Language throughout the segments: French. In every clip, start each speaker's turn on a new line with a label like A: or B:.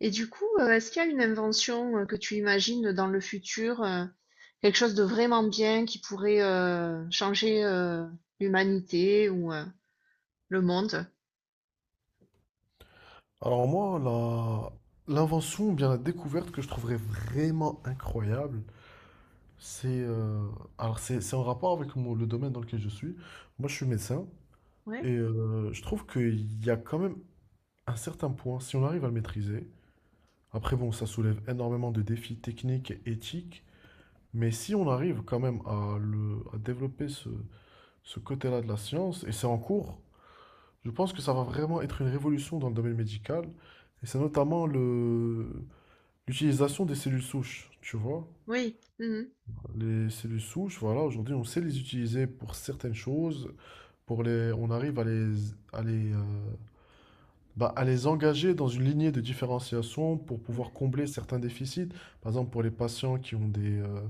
A: Et du coup, est-ce qu'il y a une invention, que tu imagines dans le futur, quelque chose de vraiment bien qui pourrait, changer, l'humanité ou, le monde?
B: Alors moi, l'invention ou bien la découverte que je trouverais vraiment incroyable, c'est alors c'est en rapport avec le domaine dans lequel je suis. Moi, je suis médecin
A: Ouais,
B: et je trouve qu'il y a quand même un certain point, si on arrive à le maîtriser, après bon, ça soulève énormément de défis techniques et éthiques, mais si on arrive quand même à, le, à développer ce côté-là de la science, et c'est en cours, je pense que ça va vraiment être une révolution dans le domaine médical, et c'est notamment le L'utilisation des cellules souches, tu vois.
A: oui. Mmh mh.
B: Les cellules souches, voilà, aujourd'hui, on sait les utiliser pour certaines choses, on arrive à les, euh, bah, à les engager dans une lignée de différenciation pour
A: Mmh.
B: pouvoir combler certains déficits. Par exemple, pour les patients qui ont des, euh,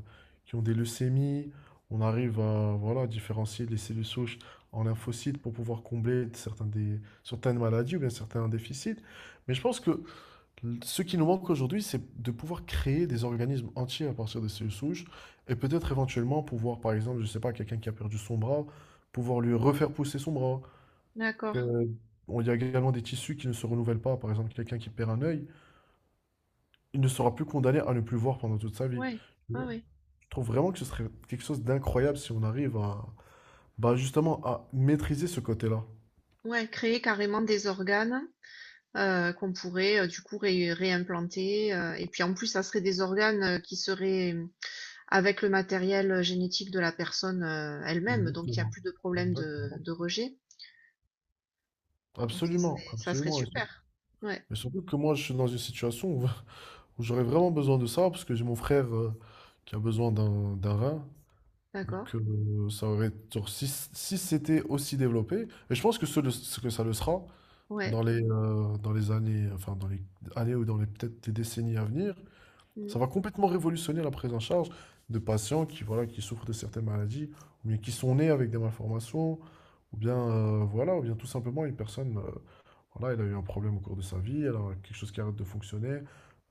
B: qui ont des leucémies, on arrive à, voilà, différencier les cellules souches en lymphocytes pour pouvoir combler certaines maladies ou bien certains déficits. Mais je pense que ce qui nous manque aujourd'hui, c'est de pouvoir créer des organismes entiers à partir de cellules souches et peut-être éventuellement pouvoir, par exemple, je sais pas, quelqu'un qui a perdu son bras, pouvoir lui refaire pousser son bras.
A: D'accord.
B: Euh, Il y a également des tissus qui ne se renouvellent pas. Par exemple, quelqu'un qui perd un œil, il ne sera plus condamné à ne plus voir pendant toute sa vie.
A: Ouais,
B: Tu
A: ouais,
B: vois.
A: ouais.
B: Je trouve vraiment que ce serait quelque chose d'incroyable si on arrive à, bah, justement, à maîtriser ce côté-là.
A: Ouais, créer carrément des organes, qu'on pourrait, du coup ré réimplanter, et puis en plus ça serait des organes, qui seraient, avec le matériel, génétique de la personne, elle-même, donc il y a
B: Exactement.
A: plus de problème de
B: Exactement.
A: de rejet. Donc ça
B: Absolument,
A: serait
B: absolument. Et sur-
A: super. Ouais,
B: et surtout que moi, je suis dans une situation où j'aurais vraiment besoin de ça parce que j'ai mon frère qui a besoin d'un rein. Donc
A: d'accord.
B: ça aurait genre, si c'était aussi développé, et je pense que ce que ça le sera
A: Ouais.
B: dans les années, enfin dans les années ou dans les peut-être des décennies à venir,
A: Mm.
B: ça va complètement révolutionner la prise en charge de patients qui voilà qui souffrent de certaines maladies ou bien qui sont nés avec des malformations ou bien voilà ou bien tout simplement une personne voilà, il a eu un problème au cours de sa vie, elle a quelque chose qui arrête de fonctionner.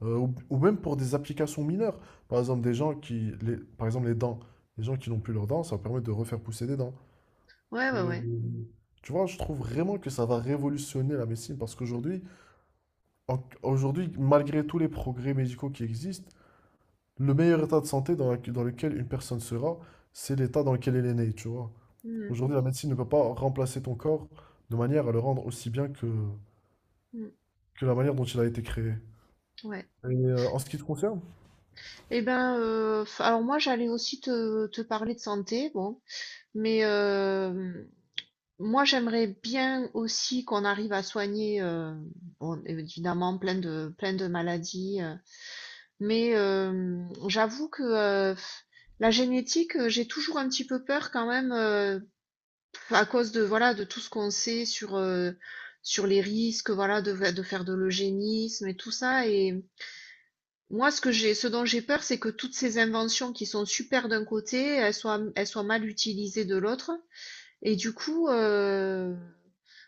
B: Ou même pour des applications mineures. Par exemple, des gens par exemple, les dents. Les gens qui n'ont plus leurs dents, ça permet de refaire pousser des dents.
A: Ouais, ouais,
B: Pour les-
A: ouais.
B: les- Tu vois, je trouve vraiment que ça va révolutionner la médecine parce qu'aujourd'hui, aujourd'hui, malgré tous les progrès médicaux qui existent, le meilleur état de santé dans lequel une personne sera, c'est l'état dans lequel elle est née, tu vois.
A: Mm,
B: Aujourd'hui, la médecine ne peut pas remplacer ton corps de manière à le rendre aussi bien que,
A: mm,
B: que la manière dont il a été créé.
A: ouais.
B: Et en ce qui te concerne,
A: Eh ben, alors moi j'allais aussi te parler de santé, bon, mais moi j'aimerais bien aussi qu'on arrive à soigner, bon, évidemment plein de maladies, mais j'avoue que la génétique, j'ai toujours un petit peu peur quand même. À cause de voilà de tout ce qu'on sait sur sur les risques voilà de faire de l'eugénisme et tout ça et moi ce que j'ai ce dont j'ai peur c'est que toutes ces inventions qui sont super d'un côté elles soient mal utilisées de l'autre et du coup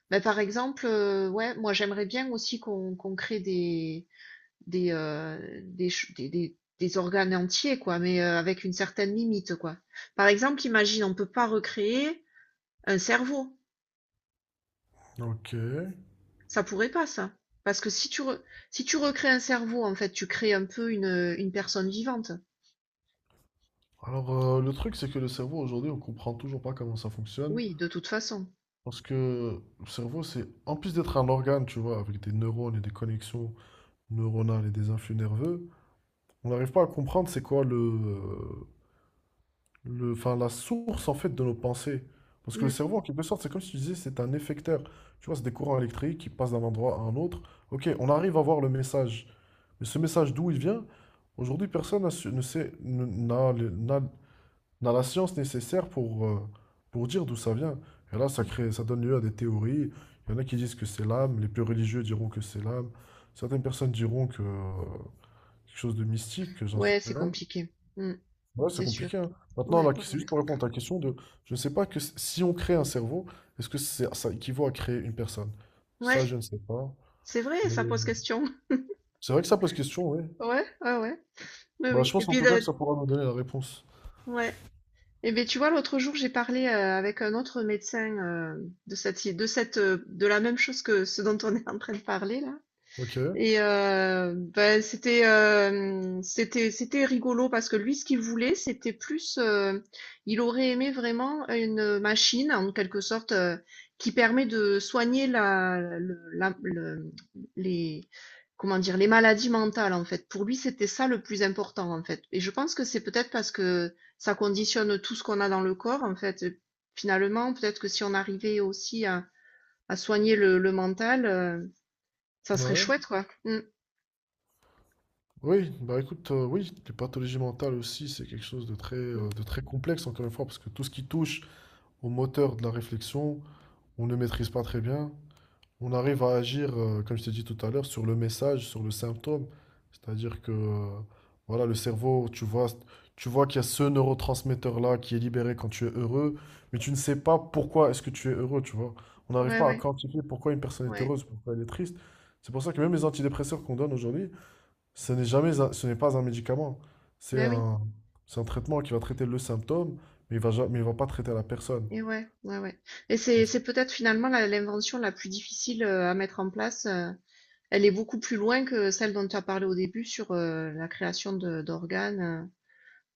A: ben, par exemple ouais moi j'aimerais bien aussi qu'on crée des des organes entiers quoi mais avec une certaine limite quoi. Par exemple imagine on peut pas recréer un cerveau.
B: ok.
A: Ça pourrait pas, ça. Parce que si si tu recrées un cerveau, en fait, tu crées un peu une personne vivante.
B: Alors, le truc, c'est que le cerveau, aujourd'hui, on comprend toujours pas comment ça fonctionne.
A: Oui, de toute façon.
B: Parce que le cerveau, c'est, en plus d'être un organe, tu vois, avec des neurones et des connexions neuronales et des influx nerveux, on n'arrive pas à comprendre c'est quoi enfin, la source, en fait, de nos pensées. Parce que le
A: Mm.
B: cerveau, en quelque sorte, c'est comme si tu disais, c'est un effecteur. Tu vois, c'est des courants électriques qui passent d'un endroit à un autre. Ok, on arrive à voir le message. Mais ce message, d'où il vient? Aujourd'hui, personne n'a su- ne sait, ne- n'a le- n'a on a la science nécessaire pour dire d'où ça vient. Et là, ça crée, ça donne lieu à des théories. Il y en a qui disent que c'est l'âme, les plus religieux diront que c'est l'âme. Certaines personnes diront quelque chose de mystique, que j'en sais
A: Ouais, c'est
B: rien.
A: compliqué. Mm.
B: Ouais, c'est
A: C'est sûr.
B: compliqué, hein. Maintenant,
A: Ouais,
B: là,
A: ouais,
B: c'est
A: ouais.
B: juste pour répondre à ta question de, je ne sais pas que si on crée un cerveau, est-ce que c'est, ça équivaut à créer une personne? Ça,
A: Ouais,
B: je ne sais pas.
A: c'est vrai,
B: Mais
A: ça pose question.
B: c'est vrai que ça pose question, oui.
A: Ouais, ouais, ouais. Oui,
B: Bah, je
A: oui. Et
B: pense en
A: puis,
B: tout cas
A: le...
B: que ça pourra nous donner la réponse.
A: ouais. Et bien, tu vois, l'autre jour, j'ai parlé avec un autre médecin de cette, de cette, de la même chose que ce dont on est en train de parler, là.
B: Ok,
A: Et bah, c'était rigolo parce que lui, ce qu'il voulait, c'était plus, il aurait aimé vraiment une, machine en quelque sorte, qui permet de soigner la le les comment dire? Les maladies mentales, en fait. Pour lui, c'était ça le plus important, en fait. Et je pense que c'est peut-être parce que ça conditionne tout ce qu'on a dans le corps, en fait, finalement, peut-être que si on arrivait aussi à soigner le mental, ça serait
B: ouais.
A: chouette, quoi. Mmh.
B: Oui, bah écoute, oui, les pathologies mentales aussi, c'est quelque chose de très, euh,
A: Mmh.
B: de très complexe, encore une fois, parce que tout ce qui touche au moteur de la réflexion, on ne maîtrise pas très bien. On arrive à agir, comme je t'ai dit tout à l'heure, sur le message, sur le symptôme. C'est-à-dire voilà, le cerveau, tu vois qu'il y a ce neurotransmetteur-là qui est libéré quand tu es heureux, mais tu ne sais pas pourquoi est-ce que tu es heureux, tu vois. On n'arrive
A: Ouais,
B: pas à
A: ouais,
B: quantifier pourquoi une personne est
A: ouais.
B: heureuse, pourquoi elle est triste. C'est pour ça que même les antidépresseurs qu'on donne aujourd'hui, ce n'est jamais ce n'est pas un médicament. C'est
A: Ben oui,
B: un, c'est un traitement qui va traiter le symptôme, mais il va pas traiter la personne.
A: et ouais, ouais, ouais. Et
B: Parce-
A: c'est peut-être finalement l'invention la plus difficile à mettre en place. Elle est beaucoup plus loin que celle dont tu as parlé au début sur la création d'organes.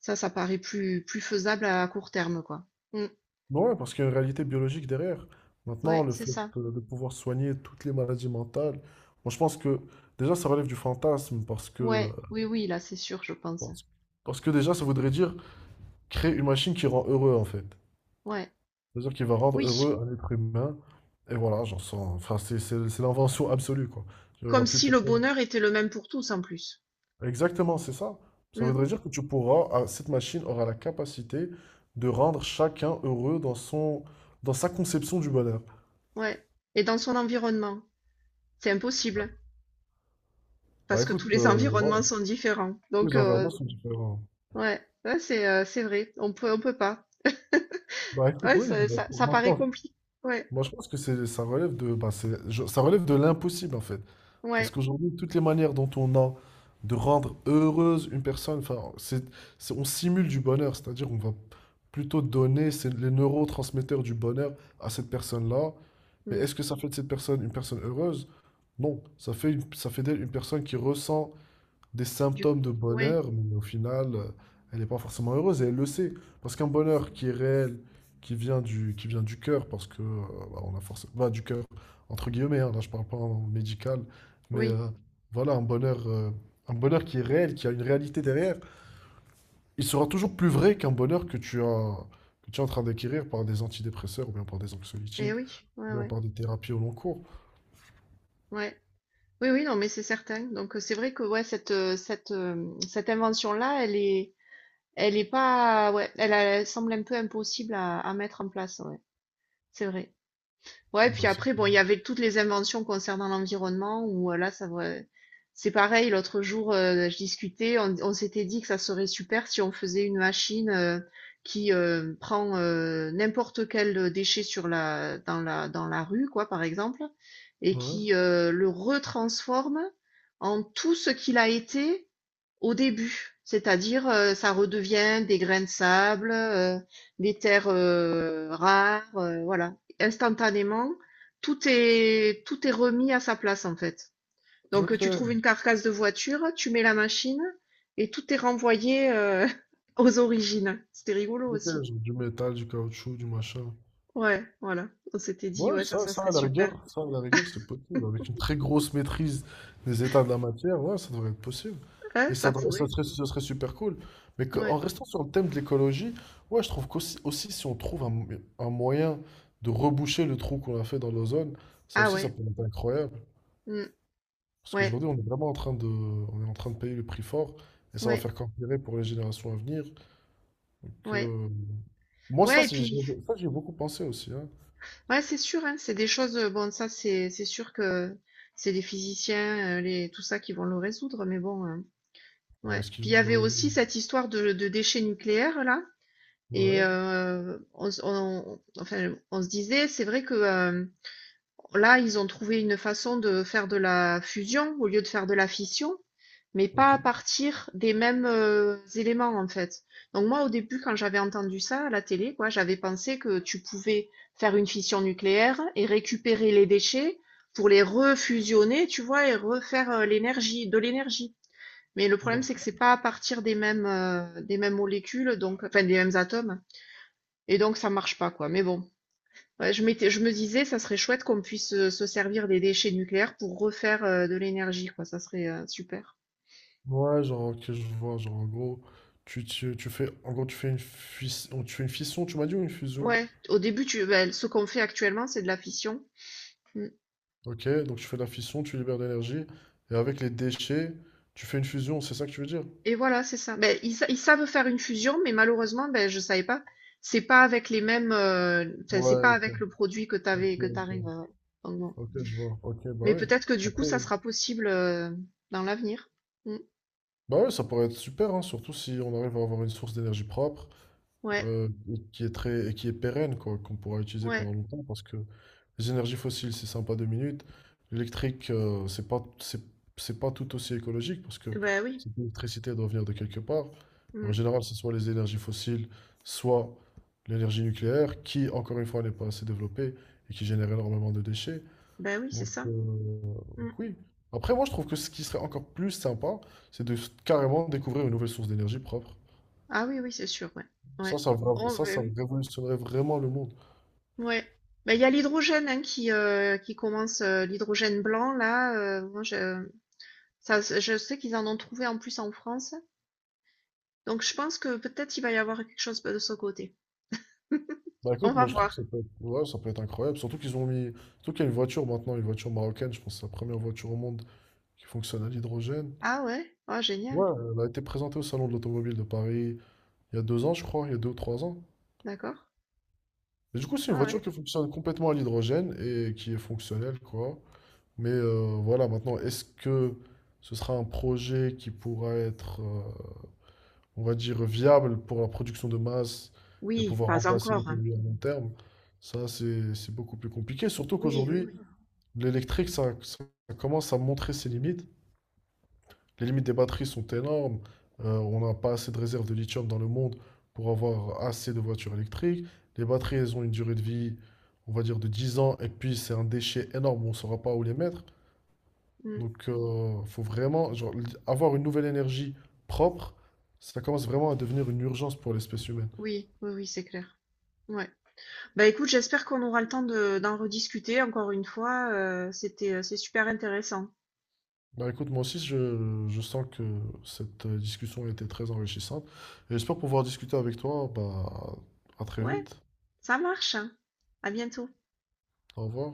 A: Ça, ça paraît plus, plus faisable à court terme, quoi. Mm.
B: Ouais, parce qu'il y a une réalité biologique derrière. Maintenant,
A: Ouais,
B: le
A: c'est
B: fait
A: ça.
B: de pouvoir soigner toutes les maladies mentales, moi je pense que déjà ça relève du fantasme
A: Ouais, oui, oui, là, c'est sûr, je pense.
B: parce, parce que déjà ça voudrait dire créer une machine qui rend heureux en fait.
A: Ouais,
B: C'est-à-dire qu'il va rendre
A: oui.
B: heureux un être humain. Et voilà, j'en sens. Enfin, c'est l'invention absolue, quoi. Il n'y aura
A: Comme
B: plus
A: si le
B: personne.
A: bonheur était le même pour tous, en plus.
B: Exactement, c'est ça. Ça
A: Mm.
B: voudrait dire que tu pourras, ah, cette machine aura la capacité de rendre chacun heureux dans son, dans sa conception du bonheur.
A: Ouais. Et dans son environnement. C'est impossible, hein,
B: Bah
A: parce que tous
B: écoute,
A: les
B: voilà,
A: environnements sont différents.
B: tous
A: Donc,
B: les environnements sont différents.
A: ouais, ouais, c'est vrai, on peut pas.
B: Bah écoute,
A: Ouais,
B: oui,
A: ça,
B: bah,
A: ça,
B: pour
A: ça
B: moi, je
A: paraît
B: pense,
A: compliqué. Ouais,
B: moi, je pense que c'est, ça relève de, bah, ça relève de l'impossible en fait. Parce
A: ouais.
B: qu'aujourd'hui, toutes les manières dont on a de rendre heureuse une personne, enfin, on simule du bonheur, c'est-à-dire on va plutôt donner les neurotransmetteurs du bonheur à cette personne-là. Mais
A: Mm.
B: est-ce que ça fait de cette personne une personne heureuse? Non, ça fait d'elle une personne qui ressent des
A: Du
B: symptômes de
A: ouais,
B: bonheur, mais au final, elle n'est pas forcément heureuse et elle le sait. Parce qu'un bonheur qui est réel, qui vient du cœur, parce que bah, on a forcément bah, du cœur, entre guillemets, hein, là je parle pas en médical, mais
A: oui,
B: voilà, un bonheur, un bonheur, qui est réel, qui a une réalité derrière, il sera toujours plus vrai qu'un bonheur que tu as, que tu es en train d'acquérir par des antidépresseurs ou bien par des
A: et
B: anxiolytiques,
A: oui, ouais,
B: ou bien
A: ouais,
B: par des thérapies au long cours.
A: ouais. Oui, oui, non, mais c'est certain. Donc c'est vrai que ouais, cette invention-là, elle est pas ouais, elle semble un peu impossible à mettre en place. Ouais, c'est vrai. Ouais,
B: Bah,
A: puis
B: c'est
A: après, bon,
B: clair.
A: il y avait toutes les inventions concernant l'environnement où là, c'est pareil, l'autre jour, je discutais, on s'était dit que ça serait super si on faisait une machine qui prend n'importe quel déchet sur dans dans la rue, quoi, par exemple, et
B: Ouais.
A: qui le retransforme en tout ce qu'il a été au début, c'est-à-dire, ça redevient des grains de sable, des terres, rares, voilà. Instantanément, tout est remis à sa place, en fait. Donc,
B: Ok,
A: tu trouves une carcasse de voiture, tu mets la machine et tout est renvoyé, aux origines. C'était rigolo
B: ok,
A: aussi.
B: genre du métal, du caoutchouc, du machin.
A: Ouais, voilà. On s'était dit:
B: Ouais,
A: «Ouais, ça,
B: ça,
A: ça
B: ça,
A: serait
B: à la
A: super».
B: rigueur, ça, à la rigueur, c'est possible. Avec une très grosse maîtrise des états de la matière, ouais, ça devrait être possible.
A: Ouais,
B: Et ça,
A: ça
B: ça
A: pourrait.
B: serait, ce serait super cool. Mais que-
A: Ouais.
B: en restant sur le thème de l'écologie, ouais, je trouve qu'aussi, si on trouve un moyen de reboucher le trou qu'on a fait dans l'ozone, ça
A: Ah
B: aussi, ça
A: ouais.
B: peut être incroyable.
A: Mmh.
B: Parce
A: Ouais,
B: qu'aujourd'hui, on est vraiment en train de, on est en train de payer le prix fort, et ça va
A: ouais,
B: faire qu'empirer pour les générations à venir. Donc,
A: ouais.
B: moi, ça,
A: Ouais et puis
B: ça, j'y beaucoup pensé aussi. Hein.
A: ouais, c'est sûr, hein, c'est des choses, bon, ça, c'est sûr que c'est les physiciens, les, tout ça qui vont le résoudre, mais bon,
B: Ah,
A: ouais.
B: est-ce qu'il
A: Puis il y
B: me
A: avait
B: raison-
A: aussi cette histoire de déchets nucléaires, là, et
B: ouais,
A: enfin, on se disait, c'est vrai que là, ils ont trouvé une façon de faire de la fusion au lieu de faire de la fission, mais pas
B: ok.
A: à partir des mêmes éléments en fait. Donc moi, au début, quand j'avais entendu ça à la télé, quoi, j'avais pensé que tu pouvais faire une fission nucléaire et récupérer les déchets pour les refusionner, tu vois, et refaire l'énergie, de l'énergie. Mais le problème, c'est que
B: D'accord.
A: c'est pas à partir des mêmes molécules, donc, enfin, des mêmes atomes. Et donc, ça marche pas, quoi. Mais bon, ouais, je me disais, ça serait chouette qu'on puisse se servir des déchets nucléaires pour refaire de l'énergie, quoi. Ça serait super.
B: Ouais, genre, que je vois, genre, en gros, tu fais, en gros, tu fais une fission, tu m'as dit, ou une fusion?
A: Ouais, au début, tu, ben, ce qu'on fait actuellement, c'est de la fission. Mm.
B: Ok, donc tu fais de la fission, tu libères de l'énergie, et avec les déchets, tu fais une fusion, c'est ça que tu veux dire?
A: Et voilà, c'est ça. Ben, ils savent faire une fusion, mais malheureusement, ben, je savais pas. C'est pas avec les mêmes, enfin, c'est
B: Ouais,
A: pas
B: ok,
A: avec le produit que
B: ok,
A: t'avais, que
B: ok,
A: t'arrives. Donc bon.
B: ok, je vois. Ok, bah
A: Mais
B: oui.
A: peut-être que du coup,
B: Après,
A: ça sera possible dans l'avenir. Mm.
B: bah ouais, ça pourrait être super, hein, surtout si on arrive à avoir une source d'énergie propre,
A: Ouais,
B: et qui est très, et qui est pérenne, quoi, qu'on pourra utiliser
A: ouais.
B: pendant longtemps, parce que les énergies fossiles, c'est sympa 2 minutes. L'électrique, c'est pas tout aussi écologique, parce que
A: Ben oui.
B: cette électricité doit venir de quelque part. Et en
A: Mm.
B: général, c'est soit les énergies fossiles, soit l'énergie nucléaire, qui, encore une fois, n'est pas assez développée et qui génère énormément de déchets.
A: Ben oui, c'est
B: Donc,
A: ça.
B: euh,
A: Mm.
B: donc oui. Après, moi, je trouve que ce qui serait encore plus sympa, c'est de carrément découvrir une nouvelle source d'énergie propre.
A: Ah oui, oui, c'est sûr. Ouais. Ouais.
B: Ça, ça, vra-
A: Oh,
B: ça, ça
A: ben oui.
B: révolutionnerait vraiment le monde.
A: Ouais. Bah, il y a l'hydrogène hein, qui commence, l'hydrogène blanc, là. Moi, je, ça, je sais qu'ils en ont trouvé en plus en France. Donc, je pense que peut-être il va y avoir quelque chose de ce côté.
B: Bah
A: On
B: écoute,
A: va
B: moi je trouve que
A: voir.
B: ça peut être, ouais, ça peut être incroyable. Surtout qu'ils ont mis. Surtout qu'il y a une voiture maintenant, une voiture marocaine, je pense que c'est la première voiture au monde qui fonctionne à l'hydrogène.
A: Ah ouais? Ah,
B: Ouais,
A: génial.
B: elle a été présentée au Salon de l'Automobile de Paris il y a 2 ans, je crois, il y a 2 ou 3 ans.
A: D'accord.
B: Et du coup, c'est une
A: Ah ouais.
B: voiture qui fonctionne complètement à l'hydrogène et qui est fonctionnelle, quoi. Mais voilà, maintenant, est-ce que ce sera un projet qui pourra être, on va dire, viable pour la production de masse et
A: Oui,
B: pouvoir
A: pas
B: remplacer
A: encore. Hein.
B: l'automobile à long terme? Ça, c'est beaucoup plus compliqué. Surtout
A: Oui, oui,
B: qu'aujourd'hui,
A: oui.
B: l'électrique, ça commence à montrer ses limites. Les limites des batteries sont énormes. On n'a pas assez de réserves de lithium dans le monde pour avoir assez de voitures électriques. Les batteries, elles ont une durée de vie, on va dire, de 10 ans. Et puis, c'est un déchet énorme. On ne saura pas où les mettre.
A: Mm.
B: Donc, il faut vraiment genre, avoir une nouvelle énergie propre. Ça commence vraiment à devenir une urgence pour l'espèce humaine.
A: Oui, oui, oui, c'est clair. Ouais. Bah écoute, j'espère qu'on aura le temps de, d'en rediscuter encore une fois. C'était, c'est super intéressant.
B: Bah écoute, moi aussi, je sens que cette discussion était très enrichissante et j'espère pouvoir discuter avec toi. Bah, à très
A: Ouais,
B: vite.
A: ça marche. Hein. À bientôt.
B: Au revoir.